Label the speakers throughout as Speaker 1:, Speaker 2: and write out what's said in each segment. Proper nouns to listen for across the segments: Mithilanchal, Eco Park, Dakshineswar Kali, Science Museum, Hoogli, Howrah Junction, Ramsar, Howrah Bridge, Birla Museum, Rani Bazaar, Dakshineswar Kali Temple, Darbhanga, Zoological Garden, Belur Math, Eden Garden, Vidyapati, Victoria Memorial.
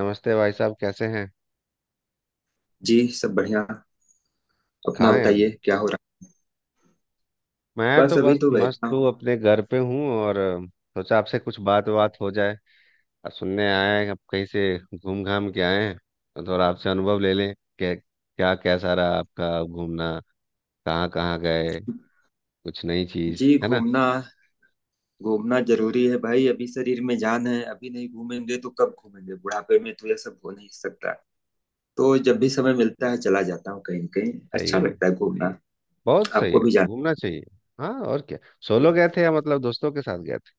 Speaker 1: नमस्ते भाई साहब, कैसे हैं?
Speaker 2: जी। सब बढ़िया। अपना
Speaker 1: कहाँ हैं अभी?
Speaker 2: बताइए क्या हो रहा।
Speaker 1: मैं तो
Speaker 2: बस अभी
Speaker 1: बस
Speaker 2: तो
Speaker 1: मस्त
Speaker 2: बैठा
Speaker 1: हूँ,
Speaker 2: हूँ।
Speaker 1: अपने घर पे हूँ। और सोचा आपसे कुछ बात बात हो जाए। अब सुनने आए हैं, आप कहीं से घूम घाम के आए हैं, तो थोड़ा आपसे अनुभव ले लें कि क्या कैसा रहा आपका घूमना, कहाँ कहाँ गए, कुछ नई
Speaker 2: जी।
Speaker 1: चीज है ना।
Speaker 2: घूमना। घूमना जरूरी है भाई। अभी शरीर में जान है, अभी नहीं घूमेंगे तो कब घूमेंगे। बुढ़ापे में तो यह सब हो नहीं सकता। तो जब भी समय मिलता है चला जाता हूँ कहीं न कहीं।
Speaker 1: सही
Speaker 2: अच्छा
Speaker 1: है।
Speaker 2: लगता है घूमना।
Speaker 1: बहुत सही
Speaker 2: आपको
Speaker 1: है,
Speaker 2: भी जाना
Speaker 1: घूमना चाहिए। हाँ, और क्या। सोलो
Speaker 2: चाहिए।
Speaker 1: गए थे या मतलब दोस्तों के साथ गए थे?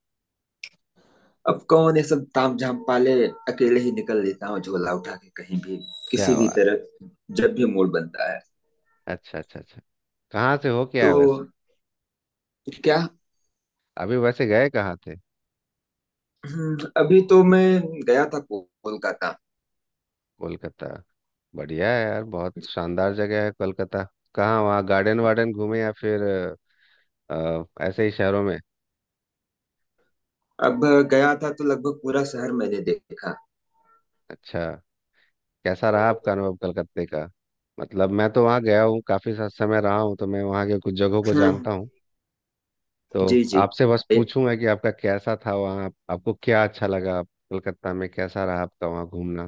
Speaker 2: अब कौन ये सब ताम झाम पाले। अकेले ही निकल लेता हूँ झोला उठा के कहीं भी,
Speaker 1: क्या
Speaker 2: किसी भी
Speaker 1: बात।
Speaker 2: तरह, जब भी मूड बनता है।
Speaker 1: अच्छा, अच्छा, अच्छा। कहाँ से हो क्या
Speaker 2: तो
Speaker 1: वैसे?
Speaker 2: क्या।
Speaker 1: अभी वैसे गए कहाँ थे?
Speaker 2: अभी तो मैं गया था कोलकाता।
Speaker 1: कोलकाता। बढ़िया है यार, बहुत शानदार जगह है कोलकाता। कहाँ वहाँ गार्डन वार्डन घूमे, या फिर ऐसे ही शहरों में?
Speaker 2: अब गया था तो लगभग पूरा शहर मैंने देखा।
Speaker 1: अच्छा। कैसा रहा आपका अनुभव कलकत्ते का? मतलब मैं तो वहाँ गया हूँ, काफी सा समय रहा हूँ, तो मैं वहाँ के कुछ जगहों को
Speaker 2: हम्म।
Speaker 1: जानता हूँ। तो
Speaker 2: जी, जी।
Speaker 1: आपसे बस
Speaker 2: ए-
Speaker 1: पूछूंगा कि आपका कैसा था वहाँ, आपको क्या अच्छा लगा, कोलकाता में कैसा रहा आपका वहाँ घूमना,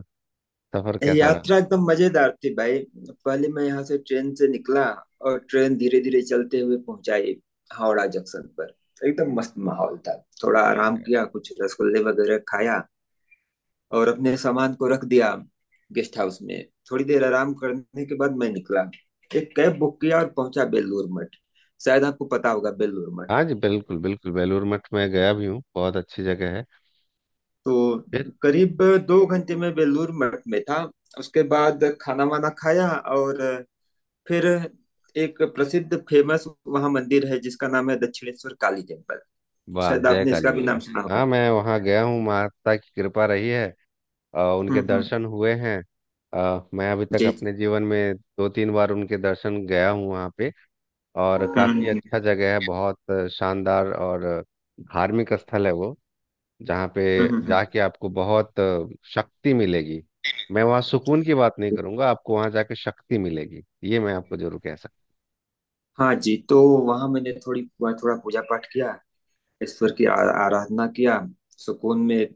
Speaker 1: सफर कैसा रहा?
Speaker 2: यात्रा एकदम मजेदार थी भाई। पहले मैं यहाँ से ट्रेन से निकला और ट्रेन धीरे धीरे चलते हुए पहुंचाई हावड़ा जंक्शन पर। एकदम मस्त माहौल था। थोड़ा आराम किया, कुछ रसगुल्ले वगैरह खाया और अपने सामान को रख दिया गेस्ट हाउस में। थोड़ी देर आराम करने के बाद मैं निकला, एक कैब बुक किया और पहुंचा बेलूर मठ। शायद आपको पता होगा बेलूर मठ।
Speaker 1: हाँ जी, बिल्कुल बिल्कुल, बेलूर मठ में गया भी हूँ, बहुत अच्छी जगह है।
Speaker 2: तो करीब 2 घंटे में बेलूर मठ में था। उसके बाद खाना वाना खाया, और फिर एक प्रसिद्ध फेमस वहाँ मंदिर है जिसका नाम है दक्षिणेश्वर काली टेम्पल।
Speaker 1: वाह,
Speaker 2: शायद
Speaker 1: जय
Speaker 2: आपने इसका
Speaker 1: काली
Speaker 2: भी नाम
Speaker 1: मैया।
Speaker 2: सुना होगा।
Speaker 1: हाँ, मैं वहाँ गया हूँ, माता की कृपा रही है और
Speaker 2: हम्म,
Speaker 1: उनके
Speaker 2: हम्म।
Speaker 1: दर्शन हुए हैं। मैं अभी तक
Speaker 2: जी, जी।
Speaker 1: अपने जीवन में दो तीन बार उनके दर्शन गया हूँ वहाँ पे। और
Speaker 2: हम्म,
Speaker 1: काफ़ी
Speaker 2: हम्म।
Speaker 1: अच्छा जगह है, बहुत शानदार और धार्मिक स्थल है वो। जहाँ पे
Speaker 2: हम्म,
Speaker 1: जाके आपको बहुत शक्ति मिलेगी। मैं वहाँ सुकून की बात नहीं करूँगा, आपको वहाँ जाके शक्ति मिलेगी, ये मैं आपको जरूर कह सकता।
Speaker 2: हाँ जी, तो वहाँ मैंने थोड़ी थोड़ा पूजा पाठ किया। ईश्वर की आराधना किया। सुकून में।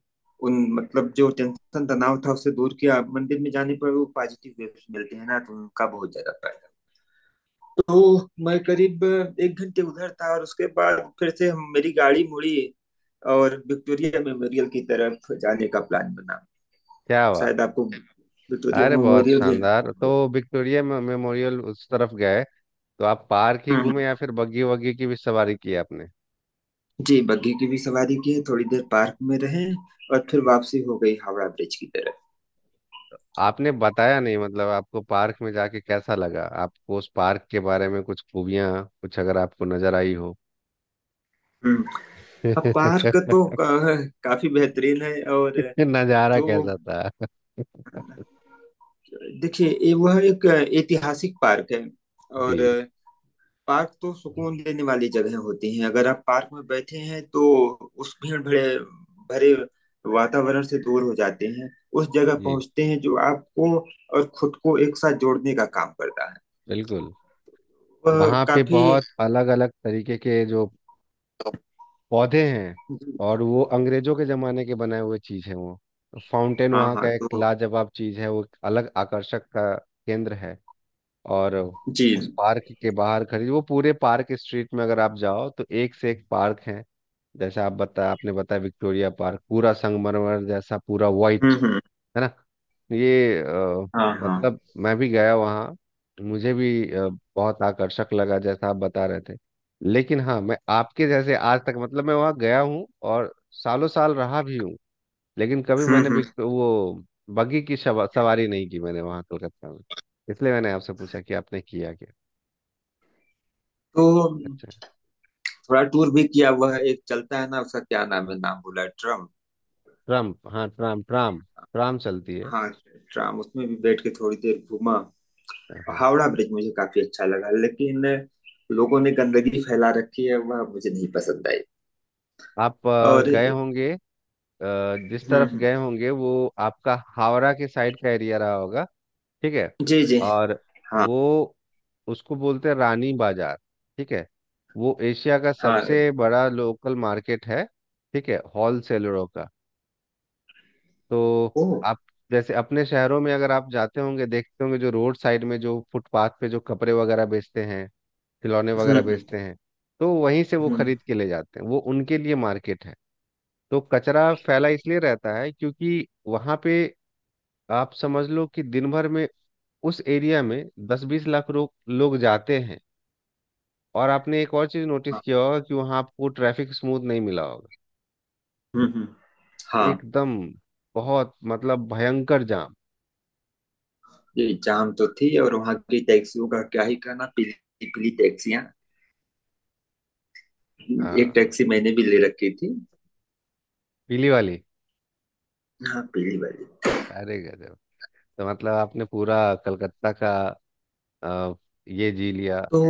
Speaker 2: उन मतलब जो टेंशन तनाव था उसे दूर किया। मंदिर में जाने पर वो पॉजिटिव वेव्स मिलते हैं ना, तो उनका बहुत ज्यादा। तो मैं करीब 1 घंटे उधर था और उसके बाद फिर से हम मेरी गाड़ी मुड़ी। और विक्टोरिया मेमोरियल की तरफ जाने का प्लान बना।
Speaker 1: क्या बात।
Speaker 2: शायद आपको विक्टोरिया
Speaker 1: अरे बहुत
Speaker 2: मेमोरियल भी।
Speaker 1: शानदार तो। विक्टोरिया मेमोरियल उस तरफ गए, तो आप पार्क ही
Speaker 2: हम्म।
Speaker 1: घूमे या फिर बग्गी वग्गी की भी सवारी की आपने?
Speaker 2: जी, बग्घी की भी सवारी की, थोड़ी देर पार्क में रहे, और फिर वापसी हो गई हावड़ा ब्रिज की तरफ।
Speaker 1: आपने बताया नहीं, मतलब आपको पार्क में जाके कैसा लगा, आपको उस पार्क के बारे में कुछ खूबियां कुछ अगर आपको नजर आई हो।
Speaker 2: हम्म। हाँ, पार्क तो काफी बेहतरीन है, और
Speaker 1: नजारा
Speaker 2: जो
Speaker 1: कैसा था?
Speaker 2: देखिए ये वह एक ऐतिहासिक पार्क है। और
Speaker 1: जी
Speaker 2: पार्क तो सुकून देने वाली जगह होती हैं। अगर आप पार्क में बैठे हैं तो उस भीड़ भरे भरे वातावरण से दूर हो जाते हैं। उस जगह
Speaker 1: जी।
Speaker 2: पहुंचते हैं जो आपको और खुद को एक साथ जोड़ने का काम करता है।
Speaker 1: बिल्कुल,
Speaker 2: वह
Speaker 1: वहाँ पे
Speaker 2: काफी।
Speaker 1: बहुत अलग अलग तरीके के जो पौधे हैं, और वो अंग्रेजों के जमाने के बनाए हुए चीज है। वो फाउंटेन
Speaker 2: हाँ,
Speaker 1: वहाँ
Speaker 2: हाँ,
Speaker 1: का एक
Speaker 2: तो।
Speaker 1: लाजवाब चीज है, वो एक अलग आकर्षक का केंद्र है। और उस
Speaker 2: जी।
Speaker 1: पार्क के बाहर खड़ी वो, पूरे पार्क स्ट्रीट में अगर आप जाओ तो एक से एक पार्क है। जैसे आप बताया आपने बताया, विक्टोरिया पार्क पूरा संगमरमर जैसा, पूरा वाइट,
Speaker 2: हम्म, हम्म।
Speaker 1: है ना। ये
Speaker 2: हाँ, हाँ।
Speaker 1: मतलब मैं भी गया वहाँ, मुझे भी बहुत आकर्षक लगा जैसा आप बता रहे थे। लेकिन हाँ, मैं आपके जैसे आज तक, मतलब मैं वहाँ गया हूँ और सालों साल रहा भी हूँ, लेकिन कभी
Speaker 2: हम्म,
Speaker 1: मैंने
Speaker 2: हम्म।
Speaker 1: भी वो बग्गी की सवारी नहीं की मैंने वहाँ कोलकाता में। इसलिए मैंने आपसे पूछा कि आपने किया क्या।
Speaker 2: तो
Speaker 1: अच्छा।
Speaker 2: थोड़ा टूर भी किया हुआ है, एक चलता है ना, उसका क्या नाम है, नाम भूला, ट्रम।
Speaker 1: ट्राम, हाँ, ट्राम ट्राम। ट्राम चलती है।
Speaker 2: हाँ, ट्राम उसमें भी बैठ के थोड़ी देर घूमा।
Speaker 1: हाँ हाँ।
Speaker 2: हावड़ा ब्रिज मुझे काफी अच्छा लगा, लेकिन लोगों ने गंदगी फैला रखी है वह मुझे नहीं पसंद आई।
Speaker 1: आप
Speaker 2: और।
Speaker 1: गए
Speaker 2: हम्म,
Speaker 1: होंगे, जिस तरफ
Speaker 2: हम्म,
Speaker 1: गए होंगे वो, आपका हावड़ा के साइड का एरिया रहा होगा। ठीक है।
Speaker 2: जी, जी,
Speaker 1: और
Speaker 2: हाँ,
Speaker 1: वो, उसको बोलते हैं रानी बाजार। ठीक है। वो एशिया का
Speaker 2: हाँ,
Speaker 1: सबसे बड़ा लोकल मार्केट है। ठीक है, होलसेलरों का। तो
Speaker 2: ओ,
Speaker 1: आप, जैसे अपने शहरों में अगर आप जाते होंगे, देखते होंगे जो रोड साइड में, जो फुटपाथ पे जो कपड़े वगैरह बेचते हैं, खिलौने
Speaker 2: हम्म,
Speaker 1: वगैरह
Speaker 2: हम्म,
Speaker 1: बेचते हैं, तो वहीं से वो
Speaker 2: हम्म,
Speaker 1: खरीद के ले जाते हैं, वो उनके लिए मार्केट है। तो कचरा फैला इसलिए रहता है क्योंकि वहां पे आप समझ लो कि दिन भर में उस एरिया में दस बीस लाख लोग लोग जाते हैं। और आपने एक और चीज नोटिस
Speaker 2: हाँ,
Speaker 1: किया होगा कि वहां आपको ट्रैफिक स्मूथ नहीं मिला होगा,
Speaker 2: हम्म, हम्म, हाँ।
Speaker 1: एकदम बहुत मतलब भयंकर जाम।
Speaker 2: ये जाम तो थी, और वहाँ की टैक्सियों का क्या ही कहना। पीली पीली टैक्सियाँ। एक
Speaker 1: हाँ,
Speaker 2: टैक्सी मैंने भी ले रखी थी।
Speaker 1: पीली वाली।
Speaker 2: हाँ, पीली वाली।
Speaker 1: अरे गजब। तो मतलब आपने पूरा कलकत्ता का अ, ये जी लिया।
Speaker 2: तो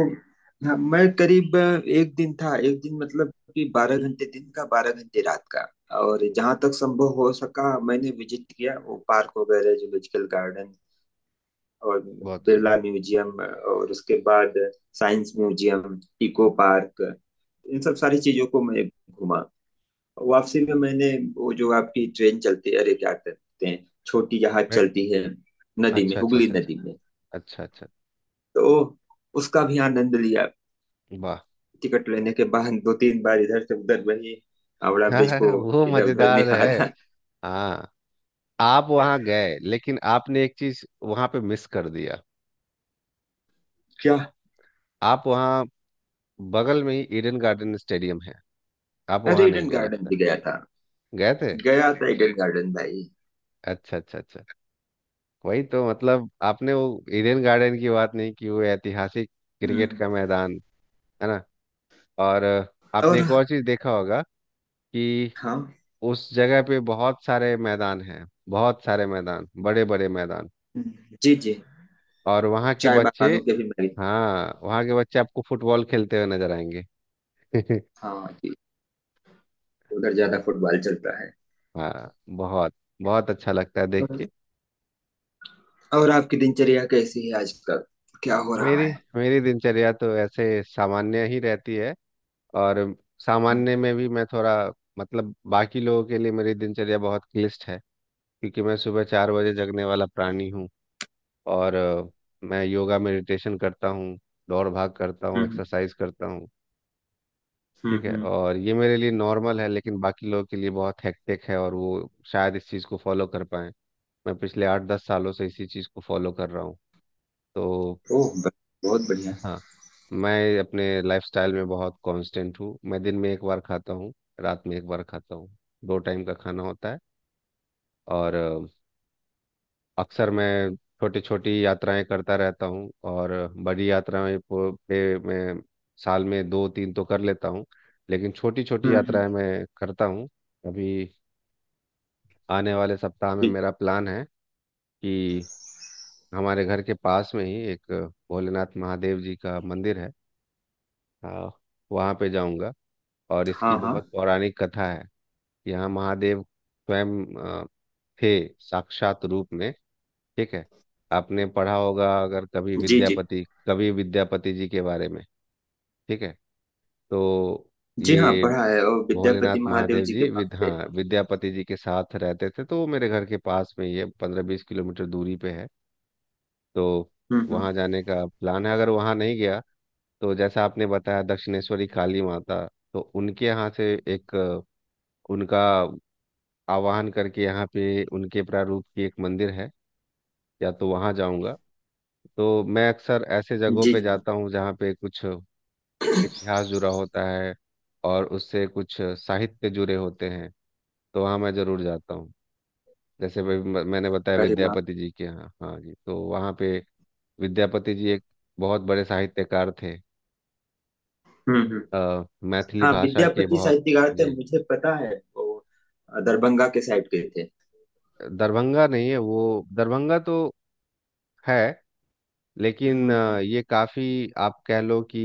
Speaker 2: हाँ, मैं करीब 1 दिन था, 1 दिन मतलब कि 12 घंटे दिन का, 12 घंटे रात का। और जहां तक संभव हो सका मैंने विजिट किया वो पार्क वगैरह, जूलॉजिकल गार्डन, और
Speaker 1: बहुत से।
Speaker 2: बिरला म्यूजियम, और उसके बाद साइंस म्यूजियम, इको पार्क, इन सब सारी चीजों को मैं घूमा। वापसी में मैंने वो जो आपकी ट्रेन चलती है, अरे क्या कहते हैं, छोटी जहाज
Speaker 1: मैं।
Speaker 2: चलती है नदी में,
Speaker 1: अच्छा अच्छा
Speaker 2: हुगली
Speaker 1: अच्छा अच्छा,
Speaker 2: नदी में,
Speaker 1: अच्छा अच्छा।
Speaker 2: तो उसका भी आनंद लिया।
Speaker 1: वाह।
Speaker 2: टिकट लेने के बाद दो तीन बार इधर से उधर वही हावड़ा ब्रिज को
Speaker 1: वो
Speaker 2: इधर उधर
Speaker 1: मजेदार है।
Speaker 2: निहारा।
Speaker 1: हाँ। आप वहाँ गए लेकिन आपने एक चीज वहाँ पे मिस कर दिया।
Speaker 2: क्या।
Speaker 1: आप वहाँ, बगल में ही ईडन गार्डन स्टेडियम है, आप
Speaker 2: अरे,
Speaker 1: वहाँ नहीं
Speaker 2: ईडन
Speaker 1: गए
Speaker 2: गार्डन
Speaker 1: लगता
Speaker 2: भी गया था।
Speaker 1: है। गए थे?
Speaker 2: गया था ईडन गार्डन भाई।
Speaker 1: अच्छा अच्छा अच्छा। वही तो, मतलब आपने वो ईडन गार्डन की बात नहीं की, वो ऐतिहासिक क्रिकेट
Speaker 2: हम्म।
Speaker 1: का मैदान, है ना। और
Speaker 2: और।
Speaker 1: आपने एक और चीज देखा होगा, कि
Speaker 2: हाँ।
Speaker 1: उस जगह पे बहुत सारे मैदान हैं, बहुत सारे मैदान, बड़े बड़े मैदान।
Speaker 2: हम्म, जी, जी।
Speaker 1: और वहाँ के
Speaker 2: चाय
Speaker 1: बच्चे,
Speaker 2: बागानों के भी मैं।
Speaker 1: हाँ, वहाँ के बच्चे आपको फुटबॉल खेलते हुए नजर आएंगे।
Speaker 2: हाँ जी, उधर ज्यादा फुटबॉल चलता है।
Speaker 1: हाँ, बहुत। बहुत अच्छा लगता है देख के।
Speaker 2: और आपकी दिनचर्या कैसी है आजकल? क्या हो रहा
Speaker 1: मेरी
Speaker 2: है?
Speaker 1: मेरी दिनचर्या तो ऐसे सामान्य ही रहती है। और
Speaker 2: हम्म,
Speaker 1: सामान्य में भी मैं थोड़ा, मतलब बाकी लोगों के लिए मेरी दिनचर्या बहुत क्लिष्ट है, क्योंकि मैं सुबह 4 बजे जगने वाला प्राणी हूँ। और मैं योगा मेडिटेशन करता हूँ, दौड़ भाग करता हूँ,
Speaker 2: हम्म,
Speaker 1: एक्सरसाइज करता हूँ।
Speaker 2: हम्म,
Speaker 1: ठीक है, और ये मेरे लिए नॉर्मल है, लेकिन बाकी लोगों के लिए बहुत हेक्टिक है, और वो शायद इस चीज़ को फॉलो कर पाए। मैं पिछले 8-10 सालों से इसी चीज़ को फॉलो कर रहा हूँ तो।
Speaker 2: ओह, बहुत बढ़िया।
Speaker 1: हाँ, मैं अपने लाइफस्टाइल में बहुत कांस्टेंट हूँ। मैं दिन में एक बार खाता हूँ, रात में एक बार खाता हूँ, दो टाइम का खाना होता है। और अक्सर मैं छोटी छोटी यात्राएं करता रहता हूँ, और बड़ी यात्राएं पे मैं साल में दो तीन तो कर लेता हूँ, लेकिन छोटी छोटी
Speaker 2: हम्म, हम्म।
Speaker 1: यात्राएं मैं करता हूँ। अभी आने वाले सप्ताह में
Speaker 2: जी।
Speaker 1: मेरा प्लान है कि हमारे घर के पास में ही एक भोलेनाथ महादेव जी का मंदिर है, आ, वहाँ पे जाऊँगा। और इसकी
Speaker 2: हाँ, हाँ।
Speaker 1: बहुत पौराणिक कथा है, यहाँ महादेव स्वयं थे साक्षात रूप में। ठीक है। आपने पढ़ा होगा अगर कभी
Speaker 2: जी, जी।
Speaker 1: विद्यापति कवि विद्यापति जी के बारे में। ठीक है। तो
Speaker 2: जी। हाँ,
Speaker 1: ये
Speaker 2: पढ़ा है और विद्यापति
Speaker 1: भोलेनाथ
Speaker 2: महादेव
Speaker 1: महादेव
Speaker 2: जी के
Speaker 1: जी
Speaker 2: भक्त थे।
Speaker 1: विद्यापति जी के साथ रहते थे, तो वो मेरे घर के पास में ही है, 15-20 किलोमीटर दूरी पे है। तो
Speaker 2: हम्म, हम्म।
Speaker 1: वहाँ जाने का प्लान है। अगर वहाँ नहीं गया, तो जैसा आपने बताया दक्षिणेश्वरी काली माता, तो उनके यहाँ से एक उनका आवाहन करके यहाँ पे उनके प्रारूप की एक मंदिर है, या तो वहाँ जाऊँगा। तो मैं अक्सर ऐसे जगहों
Speaker 2: जी,
Speaker 1: पे
Speaker 2: जी।
Speaker 1: जाता हूँ जहाँ पे कुछ इतिहास जुड़ा होता है और उससे कुछ साहित्य जुड़े होते हैं, तो वहाँ मैं ज़रूर जाता हूँ। जैसे भाई मैंने बताया
Speaker 2: अरे वाह!
Speaker 1: विद्यापति जी के यहाँ, हाँ जी, तो वहाँ पे विद्यापति जी एक बहुत बड़े साहित्यकार थे,
Speaker 2: हुँ, हुँ।
Speaker 1: मैथिली
Speaker 2: हाँ,
Speaker 1: भाषा के
Speaker 2: विद्यापति
Speaker 1: बहुत।
Speaker 2: साहित्यकार थे,
Speaker 1: जी,
Speaker 2: मुझे पता है वो दरभंगा के साइड के थे।
Speaker 1: दरभंगा नहीं है वो, दरभंगा तो है,
Speaker 2: हाँ,
Speaker 1: लेकिन
Speaker 2: हाँ।
Speaker 1: ये काफी, आप कह लो कि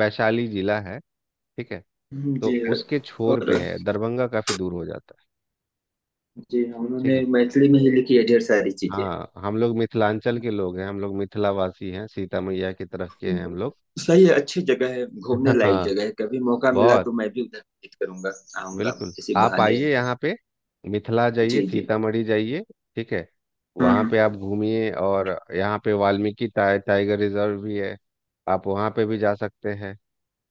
Speaker 1: वैशाली जिला है। ठीक है।
Speaker 2: हुँ,
Speaker 1: तो
Speaker 2: जी।
Speaker 1: उसके छोर
Speaker 2: और।
Speaker 1: पे है, दरभंगा काफी दूर हो जाता है।
Speaker 2: जी, हाँ,
Speaker 1: ठीक
Speaker 2: उन्होंने
Speaker 1: है।
Speaker 2: मैथिली में ही लिखी है ढेर सारी चीज़ें।
Speaker 1: हाँ, हम लोग मिथिलांचल के लोग हैं, हम लोग मिथिलावासी हैं, सीता मैया की तरफ के हैं हम लोग।
Speaker 2: सही है, अच्छी जगह है, घूमने लायक
Speaker 1: हाँ,
Speaker 2: जगह है, कभी मौका मिला
Speaker 1: बहुत।
Speaker 2: तो मैं भी उधर विज़िट करूँगा, आऊँगा
Speaker 1: बिल्कुल
Speaker 2: इसी
Speaker 1: आप
Speaker 2: बहाने।
Speaker 1: आइए यहाँ पे, मिथिला जाइए,
Speaker 2: जी, जी।
Speaker 1: सीतामढ़ी जाइए। ठीक है।
Speaker 2: हुँ,
Speaker 1: वहाँ
Speaker 2: हुँ।
Speaker 1: पे आप घूमिए। और यहाँ पे वाल्मीकि टाइगर रिजर्व भी है, आप वहाँ पे भी जा सकते हैं।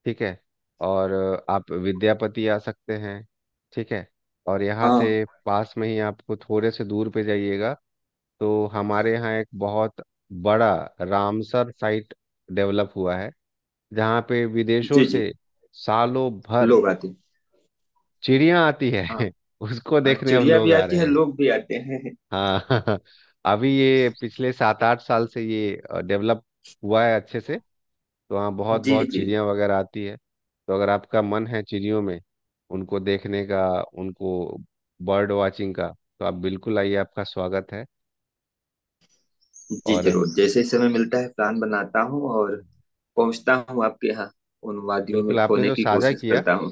Speaker 1: ठीक है। और आप विद्यापति आ सकते हैं। ठीक है। और यहाँ
Speaker 2: हाँ,
Speaker 1: से पास में ही आपको, थोड़े से दूर पे जाइएगा, तो हमारे यहाँ एक बहुत बड़ा रामसर साइट डेवलप हुआ है, जहाँ पे विदेशों
Speaker 2: जी, जी,
Speaker 1: से सालों भर
Speaker 2: लोग आते हैं।
Speaker 1: चिड़िया आती
Speaker 2: हाँ,
Speaker 1: है। उसको देखने अब
Speaker 2: चिड़िया
Speaker 1: लोग
Speaker 2: भी
Speaker 1: आ
Speaker 2: आती
Speaker 1: रहे
Speaker 2: है,
Speaker 1: हैं।
Speaker 2: लोग भी आते हैं।
Speaker 1: हाँ। अभी ये पिछले 7-8 साल से ये डेवलप हुआ है अच्छे से, तो हाँ बहुत
Speaker 2: जी,
Speaker 1: बहुत
Speaker 2: जी।
Speaker 1: चिड़िया वगैरह आती है। तो अगर आपका मन है चिड़ियों में, उनको देखने का, उनको बर्ड वाचिंग का, तो आप बिल्कुल आइए, आपका स्वागत है।
Speaker 2: जी,
Speaker 1: और
Speaker 2: ज़रूर, जैसे ही समय मिलता है प्लान बनाता हूँ और पहुंचता हूँ आपके यहाँ। उन वादियों में
Speaker 1: बिल्कुल, आपने
Speaker 2: खोने
Speaker 1: जो
Speaker 2: की
Speaker 1: साझा
Speaker 2: कोशिश
Speaker 1: किया,
Speaker 2: करता हूँ।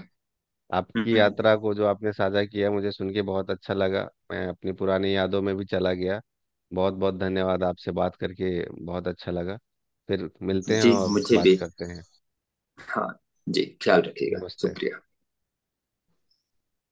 Speaker 1: आपकी
Speaker 2: हम्म,
Speaker 1: यात्रा को जो आपने साझा किया, मुझे सुन के बहुत अच्छा लगा। मैं अपनी पुरानी यादों में भी चला गया। बहुत बहुत धन्यवाद आपसे बात करके, बहुत अच्छा लगा। फिर मिलते हैं
Speaker 2: जी,
Speaker 1: और
Speaker 2: मुझे
Speaker 1: बात
Speaker 2: भी।
Speaker 1: करते हैं।
Speaker 2: हाँ जी, ख्याल रखिएगा।
Speaker 1: नमस्ते।
Speaker 2: शुक्रिया।